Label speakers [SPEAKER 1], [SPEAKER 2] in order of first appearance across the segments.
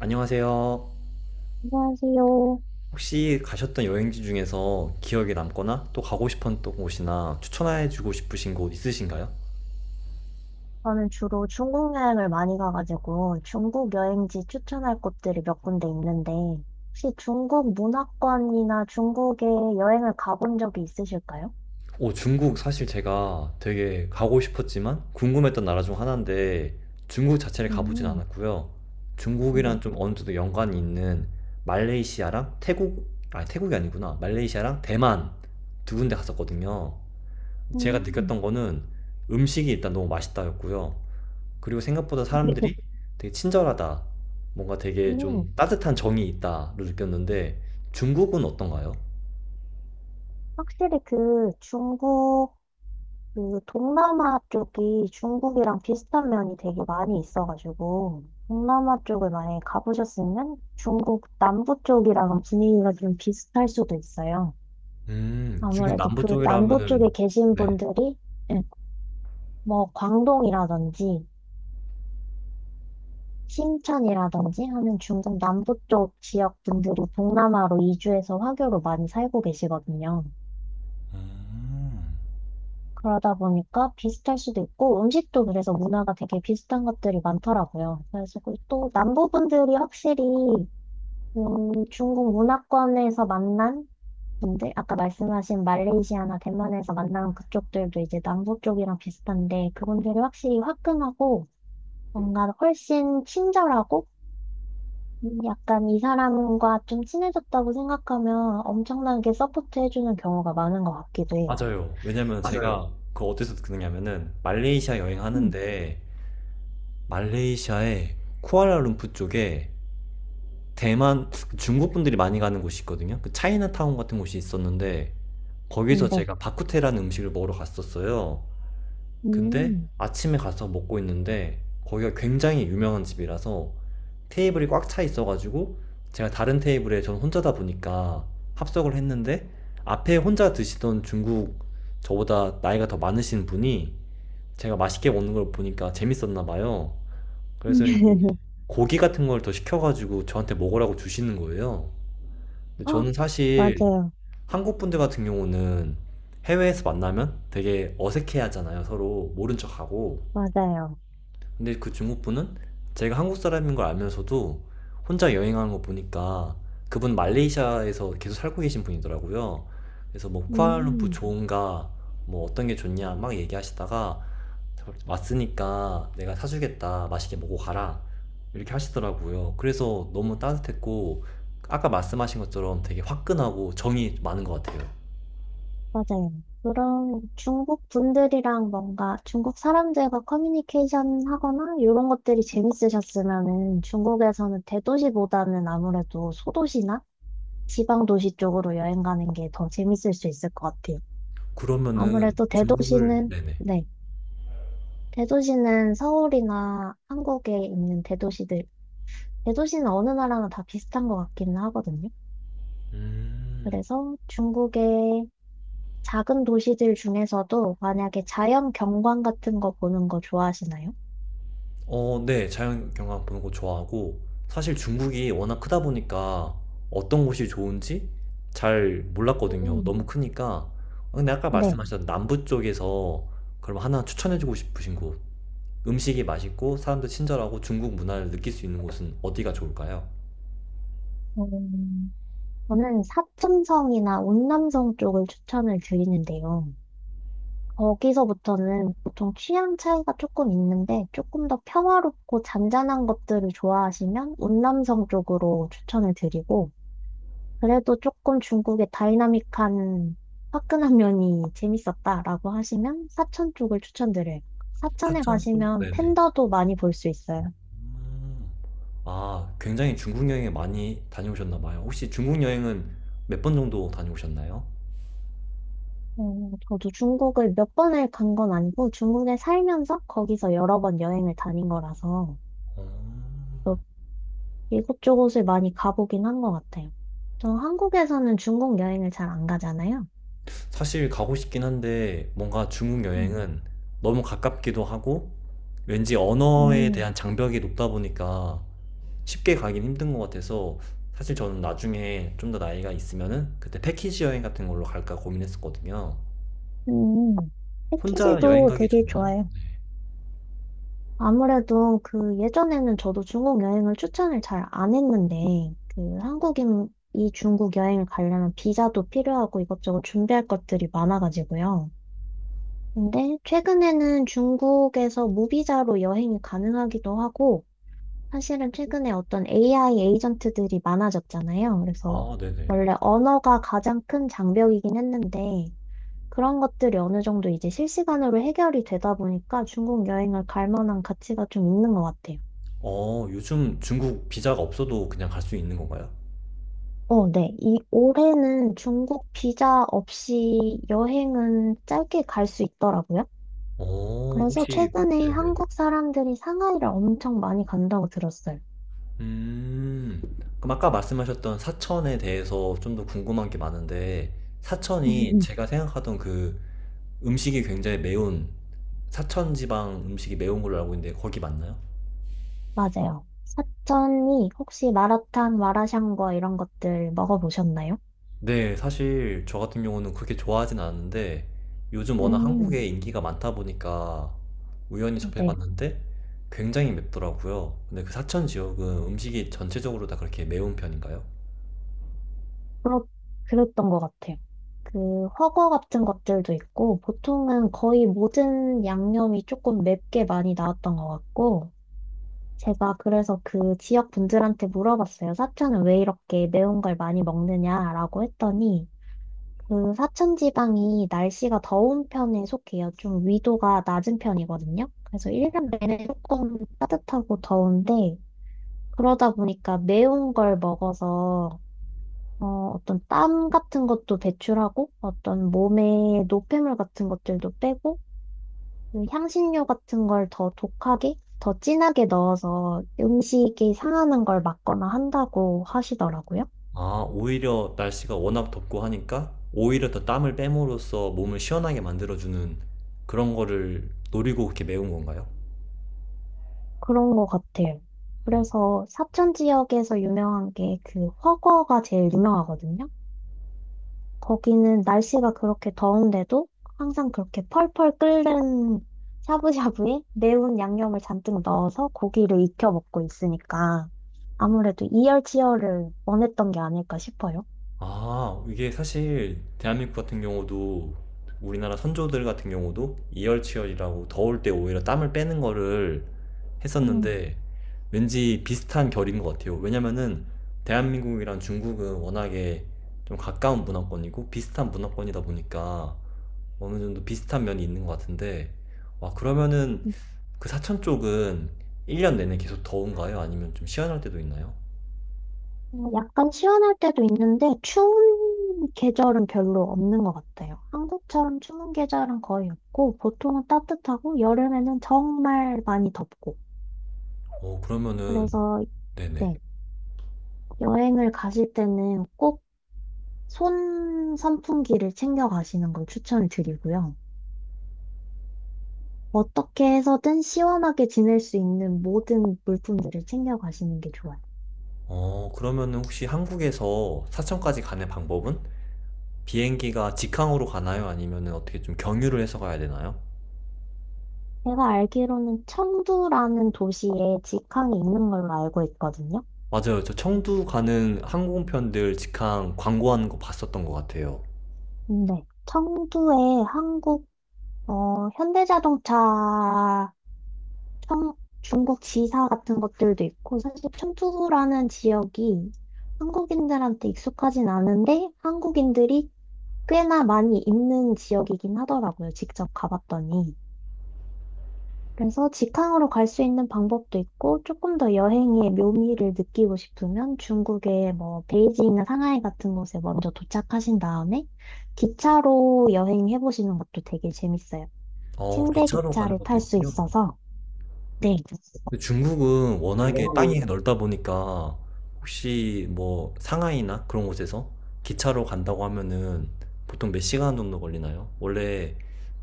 [SPEAKER 1] 안녕하세요.
[SPEAKER 2] 안녕하세요.
[SPEAKER 1] 혹시 가셨던 여행지 중에서 기억에 남거나 또 가고 싶었던 곳이나 추천해주고 싶으신 곳 있으신가요?
[SPEAKER 2] 저는 주로 중국 여행을 많이 가가지고 중국 여행지 추천할 곳들이 몇 군데 있는데 혹시 중국 문화권이나 중국에 여행을 가본 적이 있으실까요?
[SPEAKER 1] 오, 중국 사실 제가 되게 가고 싶었지만 궁금했던 나라 중 하나인데 중국 자체를 가보진
[SPEAKER 2] 음,
[SPEAKER 1] 않았고요.
[SPEAKER 2] 네.
[SPEAKER 1] 중국이랑 좀 어느 정도 연관이 있는 말레이시아랑 태국, 아니 태국이 아니구나. 말레이시아랑 대만 두 군데 갔었거든요. 제가
[SPEAKER 2] 음,
[SPEAKER 1] 느꼈던 거는 음식이 일단 너무 맛있다였고요. 그리고 생각보다 사람들이 되게 친절하다. 뭔가 되게
[SPEAKER 2] 음.
[SPEAKER 1] 좀 따뜻한 정이 있다로 느꼈는데 중국은 어떤가요?
[SPEAKER 2] 확실히 그 중국, 그 동남아 쪽이 중국이랑 비슷한 면이 되게 많이 있어가지고 동남아 쪽을 만약에 가보셨으면 중국 남부 쪽이랑 분위기가 좀 비슷할 수도 있어요.
[SPEAKER 1] 중국
[SPEAKER 2] 아무래도
[SPEAKER 1] 남부
[SPEAKER 2] 그
[SPEAKER 1] 쪽이라
[SPEAKER 2] 남부 쪽에
[SPEAKER 1] 하면은
[SPEAKER 2] 계신
[SPEAKER 1] 네.
[SPEAKER 2] 분들이 예, 뭐 광동이라든지 심천이라든지 하는 중국 남부 쪽 지역 분들이 동남아로 이주해서 화교로 많이 살고 계시거든요.
[SPEAKER 1] 음,
[SPEAKER 2] 그러다 보니까 비슷할 수도 있고 음식도 그래서 문화가 되게 비슷한 것들이 많더라고요. 그래서 그또 남부 분들이 확실히 중국 문화권에서 만난 근데 아까 말씀하신 말레이시아나 대만에서 만난 그쪽들도 이제 남부 쪽이랑 비슷한데 그분들이 확실히 화끈하고 뭔가 훨씬 친절하고 약간 이 사람과 좀 친해졌다고 생각하면 엄청나게 서포트 해주는 경우가 많은 것 같기도 해요.
[SPEAKER 1] 맞아요. 왜냐면
[SPEAKER 2] 맞아요.
[SPEAKER 1] 제가 그 어디서 듣느냐면은 말레이시아
[SPEAKER 2] 음,
[SPEAKER 1] 여행하는데 말레이시아의 쿠알라룸푸 쪽에 대만 그 중국 분들이 많이 가는 곳이 있거든요. 그 차이나타운 같은 곳이 있었는데 거기서
[SPEAKER 2] 네.
[SPEAKER 1] 제가 바쿠테라는 음식을 먹으러 갔었어요. 근데
[SPEAKER 2] 음.
[SPEAKER 1] 아침에 가서 먹고 있는데 거기가 굉장히 유명한 집이라서 테이블이 꽉 차 있어가지고 제가 다른 테이블에 저는 혼자다 보니까 합석을 했는데 앞에 혼자 드시던 중국 저보다 나이가 더 많으신 분이 제가 맛있게 먹는 걸 보니까 재밌었나 봐요. 그래서 이제 고기 같은 걸 더 시켜가지고 저한테 먹으라고 주시는 거예요. 근데
[SPEAKER 2] 어,
[SPEAKER 1] 저는 사실
[SPEAKER 2] 맞아요.
[SPEAKER 1] 한국 분들 같은 경우는 해외에서 만나면 되게 어색해 하잖아요. 서로 모른 척하고.
[SPEAKER 2] 맞아요.
[SPEAKER 1] 근데 그 중국분은 제가 한국 사람인 걸 알면서도 혼자 여행하는 거 보니까 그분 말레이시아에서 계속 살고 계신 분이더라고요. 그래서 뭐 쿠알푸프
[SPEAKER 2] 음.
[SPEAKER 1] 좋은가, 뭐 어떤 게 좋냐 막 얘기하시다가 왔으니까 내가 사주겠다, 맛있게 먹고 가라 이렇게 하시더라고요. 그래서 너무 따뜻했고 아까 말씀하신 것처럼 되게 화끈하고 정이 많은 것 같아요.
[SPEAKER 2] 맞아요. 그런 중국 분들이랑 뭔가 중국 사람들과 커뮤니케이션 하거나 이런 것들이 재밌으셨으면은 중국에서는 대도시보다는 아무래도 소도시나 지방 도시 쪽으로 여행 가는 게 더 재밌을 수 있을 것 같아요.
[SPEAKER 1] 그러면은
[SPEAKER 2] 아무래도
[SPEAKER 1] 중국을
[SPEAKER 2] 대도시는,
[SPEAKER 1] 네네.
[SPEAKER 2] 네. 대도시는 서울이나 한국에 있는 대도시들, 대도시는 어느 나라나 다 비슷한 것 같기는 하거든요.
[SPEAKER 1] 음.
[SPEAKER 2] 그래서 중국에 작은 도시들 중에서도 만약에 자연 경관 같은 거 보는 거 좋아하시나요?
[SPEAKER 1] 어 네. 자연 경관 보는 거 좋아하고 사실 중국이 워낙 크다 보니까 어떤 곳이 좋은지 잘 몰랐거든요,
[SPEAKER 2] 음.
[SPEAKER 1] 너무 크니까. 어 근데 아까
[SPEAKER 2] 네.
[SPEAKER 1] 말씀하셨던 남부 쪽에서 그럼 하나 추천해 주고 싶으신 곳, 음식이 맛있고 사람들 친절하고 중국 문화를 느낄 수 있는 곳은 어디가 좋을까요?
[SPEAKER 2] 음, 저는 사천성이나 운남성 쪽을 추천을 드리는데요. 거기서부터는 보통 취향 차이가 조금 있는데 조금 더 평화롭고 잔잔한 것들을 좋아하시면 운남성 쪽으로 추천을 드리고 그래도 조금 중국의 다이나믹한 화끈한 면이 재밌었다라고 하시면 사천 쪽을 추천드려요. 사천에
[SPEAKER 1] 사천 쪽?
[SPEAKER 2] 가시면
[SPEAKER 1] 네네.
[SPEAKER 2] 팬더도 많이 볼 수 있어요.
[SPEAKER 1] 음. 아 굉장히 중국 여행에 많이 다녀오셨나 봐요. 혹시 중국 여행은 몇 번 정도 다녀오셨나요?
[SPEAKER 2] 저도 중국을 몇 번을 간 건 아니고 중국에 살면서 거기서 여러 번 여행을 다닌 거라서
[SPEAKER 1] 어.
[SPEAKER 2] 또 이곳저곳을 많이 가보긴 한 것 같아요. 저 한국에서는 중국 여행을 잘 안 가잖아요.
[SPEAKER 1] 사실 가고 싶긴 한데 뭔가 중국
[SPEAKER 2] 음.
[SPEAKER 1] 여행은 너무 가깝기도 하고 왠지 언어에
[SPEAKER 2] 음,
[SPEAKER 1] 대한 장벽이 높다 보니까 쉽게 가긴 힘든 것 같아서 사실 저는 나중에 좀 더 나이가 있으면은 그때 패키지 여행 같은 걸로 갈까 고민했었거든요.
[SPEAKER 2] 음,
[SPEAKER 1] 혼자 여행
[SPEAKER 2] 패키지도
[SPEAKER 1] 가기
[SPEAKER 2] 되게
[SPEAKER 1] 좋나요?
[SPEAKER 2] 좋아요. 아무래도 그 예전에는 저도 중국 여행을 추천을 잘 안 했는데, 그 한국인이 중국 여행을 가려면 비자도 필요하고 이것저것 준비할 것들이 많아가지고요. 근데 최근에는 중국에서 무비자로 여행이 가능하기도 하고, 사실은 최근에 어떤 AI 에이전트들이 많아졌잖아요. 그래서
[SPEAKER 1] 아, 네네.
[SPEAKER 2] 원래 언어가 가장 큰 장벽이긴 했는데, 그런 것들이 어느 정도 이제 실시간으로 해결이 되다 보니까 중국 여행을 갈 만한 가치가 좀 있는 것 같아요.
[SPEAKER 1] 어, 요즘 중국 비자가 없어도 그냥 갈 수 있는 건가요?
[SPEAKER 2] 어, 네. 이 올해는 중국 비자 없이 여행은 짧게 갈 수 있더라고요.
[SPEAKER 1] 어,
[SPEAKER 2] 그래서
[SPEAKER 1] 혹시,
[SPEAKER 2] 최근에
[SPEAKER 1] 네네.
[SPEAKER 2] 한국 사람들이 상하이를 엄청 많이 간다고 들었어요.
[SPEAKER 1] 음. 그럼 아까 말씀하셨던 사천에 대해서 좀 더 궁금한 게 많은데, 사천이 제가 생각하던 그 음식이 굉장히 매운, 사천 지방 음식이 매운 걸로 알고 있는데, 거기 맞나요?
[SPEAKER 2] 맞아요. 사천이 혹시 마라탕, 마라샹궈 이런 것들 먹어보셨나요?
[SPEAKER 1] 네, 사실 저 같은 경우는 그렇게 좋아하진 않았는데, 요즘 워낙
[SPEAKER 2] 음,
[SPEAKER 1] 한국에 인기가 많다 보니까 우연히
[SPEAKER 2] 네.
[SPEAKER 1] 접해봤는데, 굉장히 맵더라고요. 근데 그 사천 지역은 음식이 전체적으로 다 그렇게 매운 편인가요?
[SPEAKER 2] 그렇, 그랬던 것 같아요. 그 훠궈 같은 것들도 있고 보통은 거의 모든 양념이 조금 맵게 많이 나왔던 것 같고 제가 그래서 그 지역 분들한테 물어봤어요. 사천은 왜 이렇게 매운 걸 많이 먹느냐라고 했더니 그 사천 지방이 날씨가 더운 편에 속해요. 좀 위도가 낮은 편이거든요. 그래서 1년 내내 조금 따뜻하고 더운데 그러다 보니까 매운 걸 먹어서 어, 어떤 땀 같은 것도 배출하고 어떤 몸에 노폐물 같은 것들도 빼고 그 향신료 같은 걸 더 독하게, 더 진하게 넣어서 음식이 상하는 걸 막거나 한다고 하시더라고요.
[SPEAKER 1] 아, 오히려 날씨가 워낙 덥고 하니까 오히려 더 땀을 빼므로써 몸을 시원하게 만들어주는 그런 거를 노리고 그렇게 매운 건가요?
[SPEAKER 2] 그런 것 같아요.
[SPEAKER 1] 음.
[SPEAKER 2] 그래서 사천 지역에서 유명한 게 그 허거가 제일 유명하거든요. 거기는 날씨가 그렇게 더운데도 항상 그렇게 펄펄 끓는 샤브샤브에 매운 양념을 잔뜩 넣어서 고기를 익혀 먹고 있으니까 아무래도 이열치열을 원했던 게 아닐까 싶어요.
[SPEAKER 1] 아, 이게 사실 대한민국 같은 경우도 우리나라 선조들 같은 경우도 이열치열이라고 더울 때 오히려 땀을 빼는 거를
[SPEAKER 2] 음.
[SPEAKER 1] 했었는데 왠지 비슷한 결인 것 같아요. 왜냐면은 대한민국이랑 중국은 워낙에 좀 가까운 문화권이고 비슷한 문화권이다 보니까 어느 정도 비슷한 면이 있는 것 같은데, 와, 그러면은 그 사천 쪽은 1년 내내 계속 더운가요? 아니면 좀 시원할 때도 있나요?
[SPEAKER 2] 어, 약간 시원할 때도 있는데 추운 계절은 별로 없는 것 같아요. 한국처럼 추운 계절은 거의 없고 보통은 따뜻하고 여름에는 정말 많이 덥고
[SPEAKER 1] 어, 그러면은,
[SPEAKER 2] 그래서
[SPEAKER 1] 네네.
[SPEAKER 2] 네, 여행을 가실 때는 꼭 손 선풍기를 챙겨 가시는 걸 추천을 드리고요. 어떻게 해서든 시원하게 지낼 수 있는 모든 물품들을 챙겨 가시는 게 좋아요.
[SPEAKER 1] 어, 그러면은 혹시 한국에서 사천까지 가는 방법은 비행기가 직항으로 가나요? 아니면은 어떻게 좀 경유를 해서 가야 되나요?
[SPEAKER 2] 제가 알기로는 청두라는 도시에 직항이 있는 걸로 알고 있거든요.
[SPEAKER 1] 맞아요. 저 청두 가는 항공편들 직항 광고하는 거 봤었던 것 같아요.
[SPEAKER 2] 네. 청두에 한국, 어, 현대자동차, 청, 중국 지사 같은 것들도 있고, 사실 청두라는 지역이 한국인들한테 익숙하진 않은데, 한국인들이 꽤나 많이 있는 지역이긴 하더라고요. 직접 가봤더니. 그래서 직항으로 갈 수 있는 방법도 있고, 조금 더 여행의 묘미를 느끼고 싶으면 중국의 뭐 베이징이나 상하이 같은 곳에 먼저 도착하신 다음에 기차로 여행해 보시는 것도 되게 재밌어요.
[SPEAKER 1] 어,
[SPEAKER 2] 침대
[SPEAKER 1] 기차로 가는
[SPEAKER 2] 기차를
[SPEAKER 1] 것도
[SPEAKER 2] 탈 수
[SPEAKER 1] 있군요.
[SPEAKER 2] 있어서. 네,
[SPEAKER 1] 근데 중국은 워낙에
[SPEAKER 2] 중국
[SPEAKER 1] 땅이 넓다 보니까 혹시 뭐 상하이나 그런 곳에서 기차로 간다고 하면은 보통 몇 시간 정도 걸리나요? 원래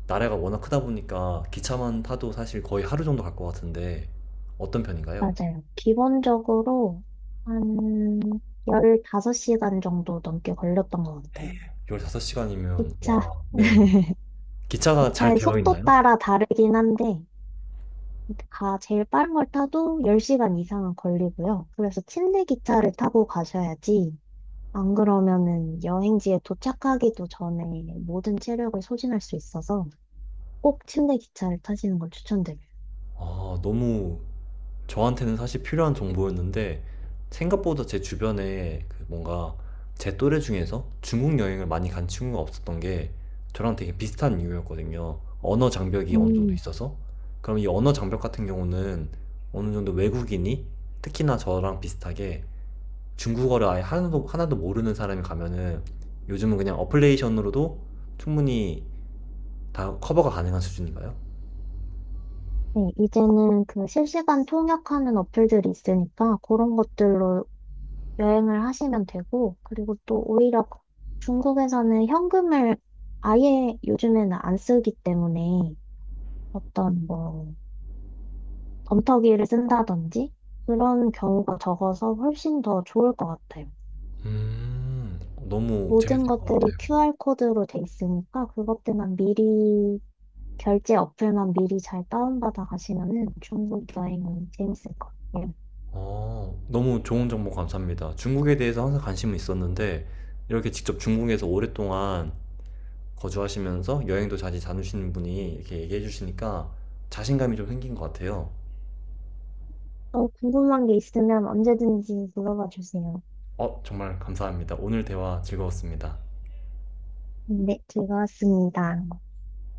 [SPEAKER 1] 나라가 워낙 크다 보니까 기차만 타도 사실 거의 하루 정도 갈 것 같은데 어떤 편인가요?
[SPEAKER 2] 맞아요. 기본적으로 한 15시간 정도 넘게 걸렸던 것 같아요.
[SPEAKER 1] 15시간이면
[SPEAKER 2] 기차,
[SPEAKER 1] 와, 네. 기차가 잘
[SPEAKER 2] 기차의
[SPEAKER 1] 되어
[SPEAKER 2] 속도
[SPEAKER 1] 있나요?
[SPEAKER 2] 따라 다르긴 한데, 가 제일 빠른 걸 타도 10시간 이상은 걸리고요. 그래서 침대 기차를 타고 가셔야지. 안 그러면은 여행지에 도착하기도 전에 모든 체력을 소진할 수 있어서 꼭 침대 기차를 타시는 걸 추천드려요.
[SPEAKER 1] 아, 너무 저한테는 사실 필요한 정보였는데 생각보다 제 주변에 그 뭔가 제 또래 중에서 중국 여행을 많이 간 친구가 없었던 게 저랑 되게 비슷한 이유였거든요. 언어 장벽이 어느 정도
[SPEAKER 2] 음,
[SPEAKER 1] 있어서. 그럼 이 언어 장벽 같은 경우는 어느 정도 외국인이 특히나 저랑 비슷하게 중국어를 아예 하나도 모르는 사람이 가면은 요즘은 그냥 어플레이션으로도 충분히 다 커버가 가능한 수준인가요?
[SPEAKER 2] 네, 이제는 그 실시간 통역하는 어플들이 있으니까 그런 것들로 여행을 하시면 되고, 그리고 또 오히려 중국에서는 현금을 아예 요즘에는 안 쓰기 때문에 어떤 뭐 덤터기를 쓴다든지 그런 경우가 적어서 훨씬 더 좋을 것 같아요.
[SPEAKER 1] 너무
[SPEAKER 2] 모든
[SPEAKER 1] 재밌을 것 같아.
[SPEAKER 2] 것들이 QR코드로 돼 있으니까 그것들만 미리 결제 어플만 미리 잘 다운받아 가시면은 중국 여행은 재밌을 것 같아요.
[SPEAKER 1] 어, 너무 좋은 정보 감사합니다. 중국에 대해서 항상 관심은 있었는데, 이렇게 직접 중국에서 오랫동안 거주하시면서 여행도 자주 다니시는 분이 이렇게 얘기해 주시니까 자신감이 좀 생긴 것 같아요.
[SPEAKER 2] 또 궁금한 게 있으면 언제든지 물어봐 주세요.
[SPEAKER 1] 어, 정말 감사합니다. 오늘 대화 즐거웠습니다.
[SPEAKER 2] 네, 즐거웠습니다.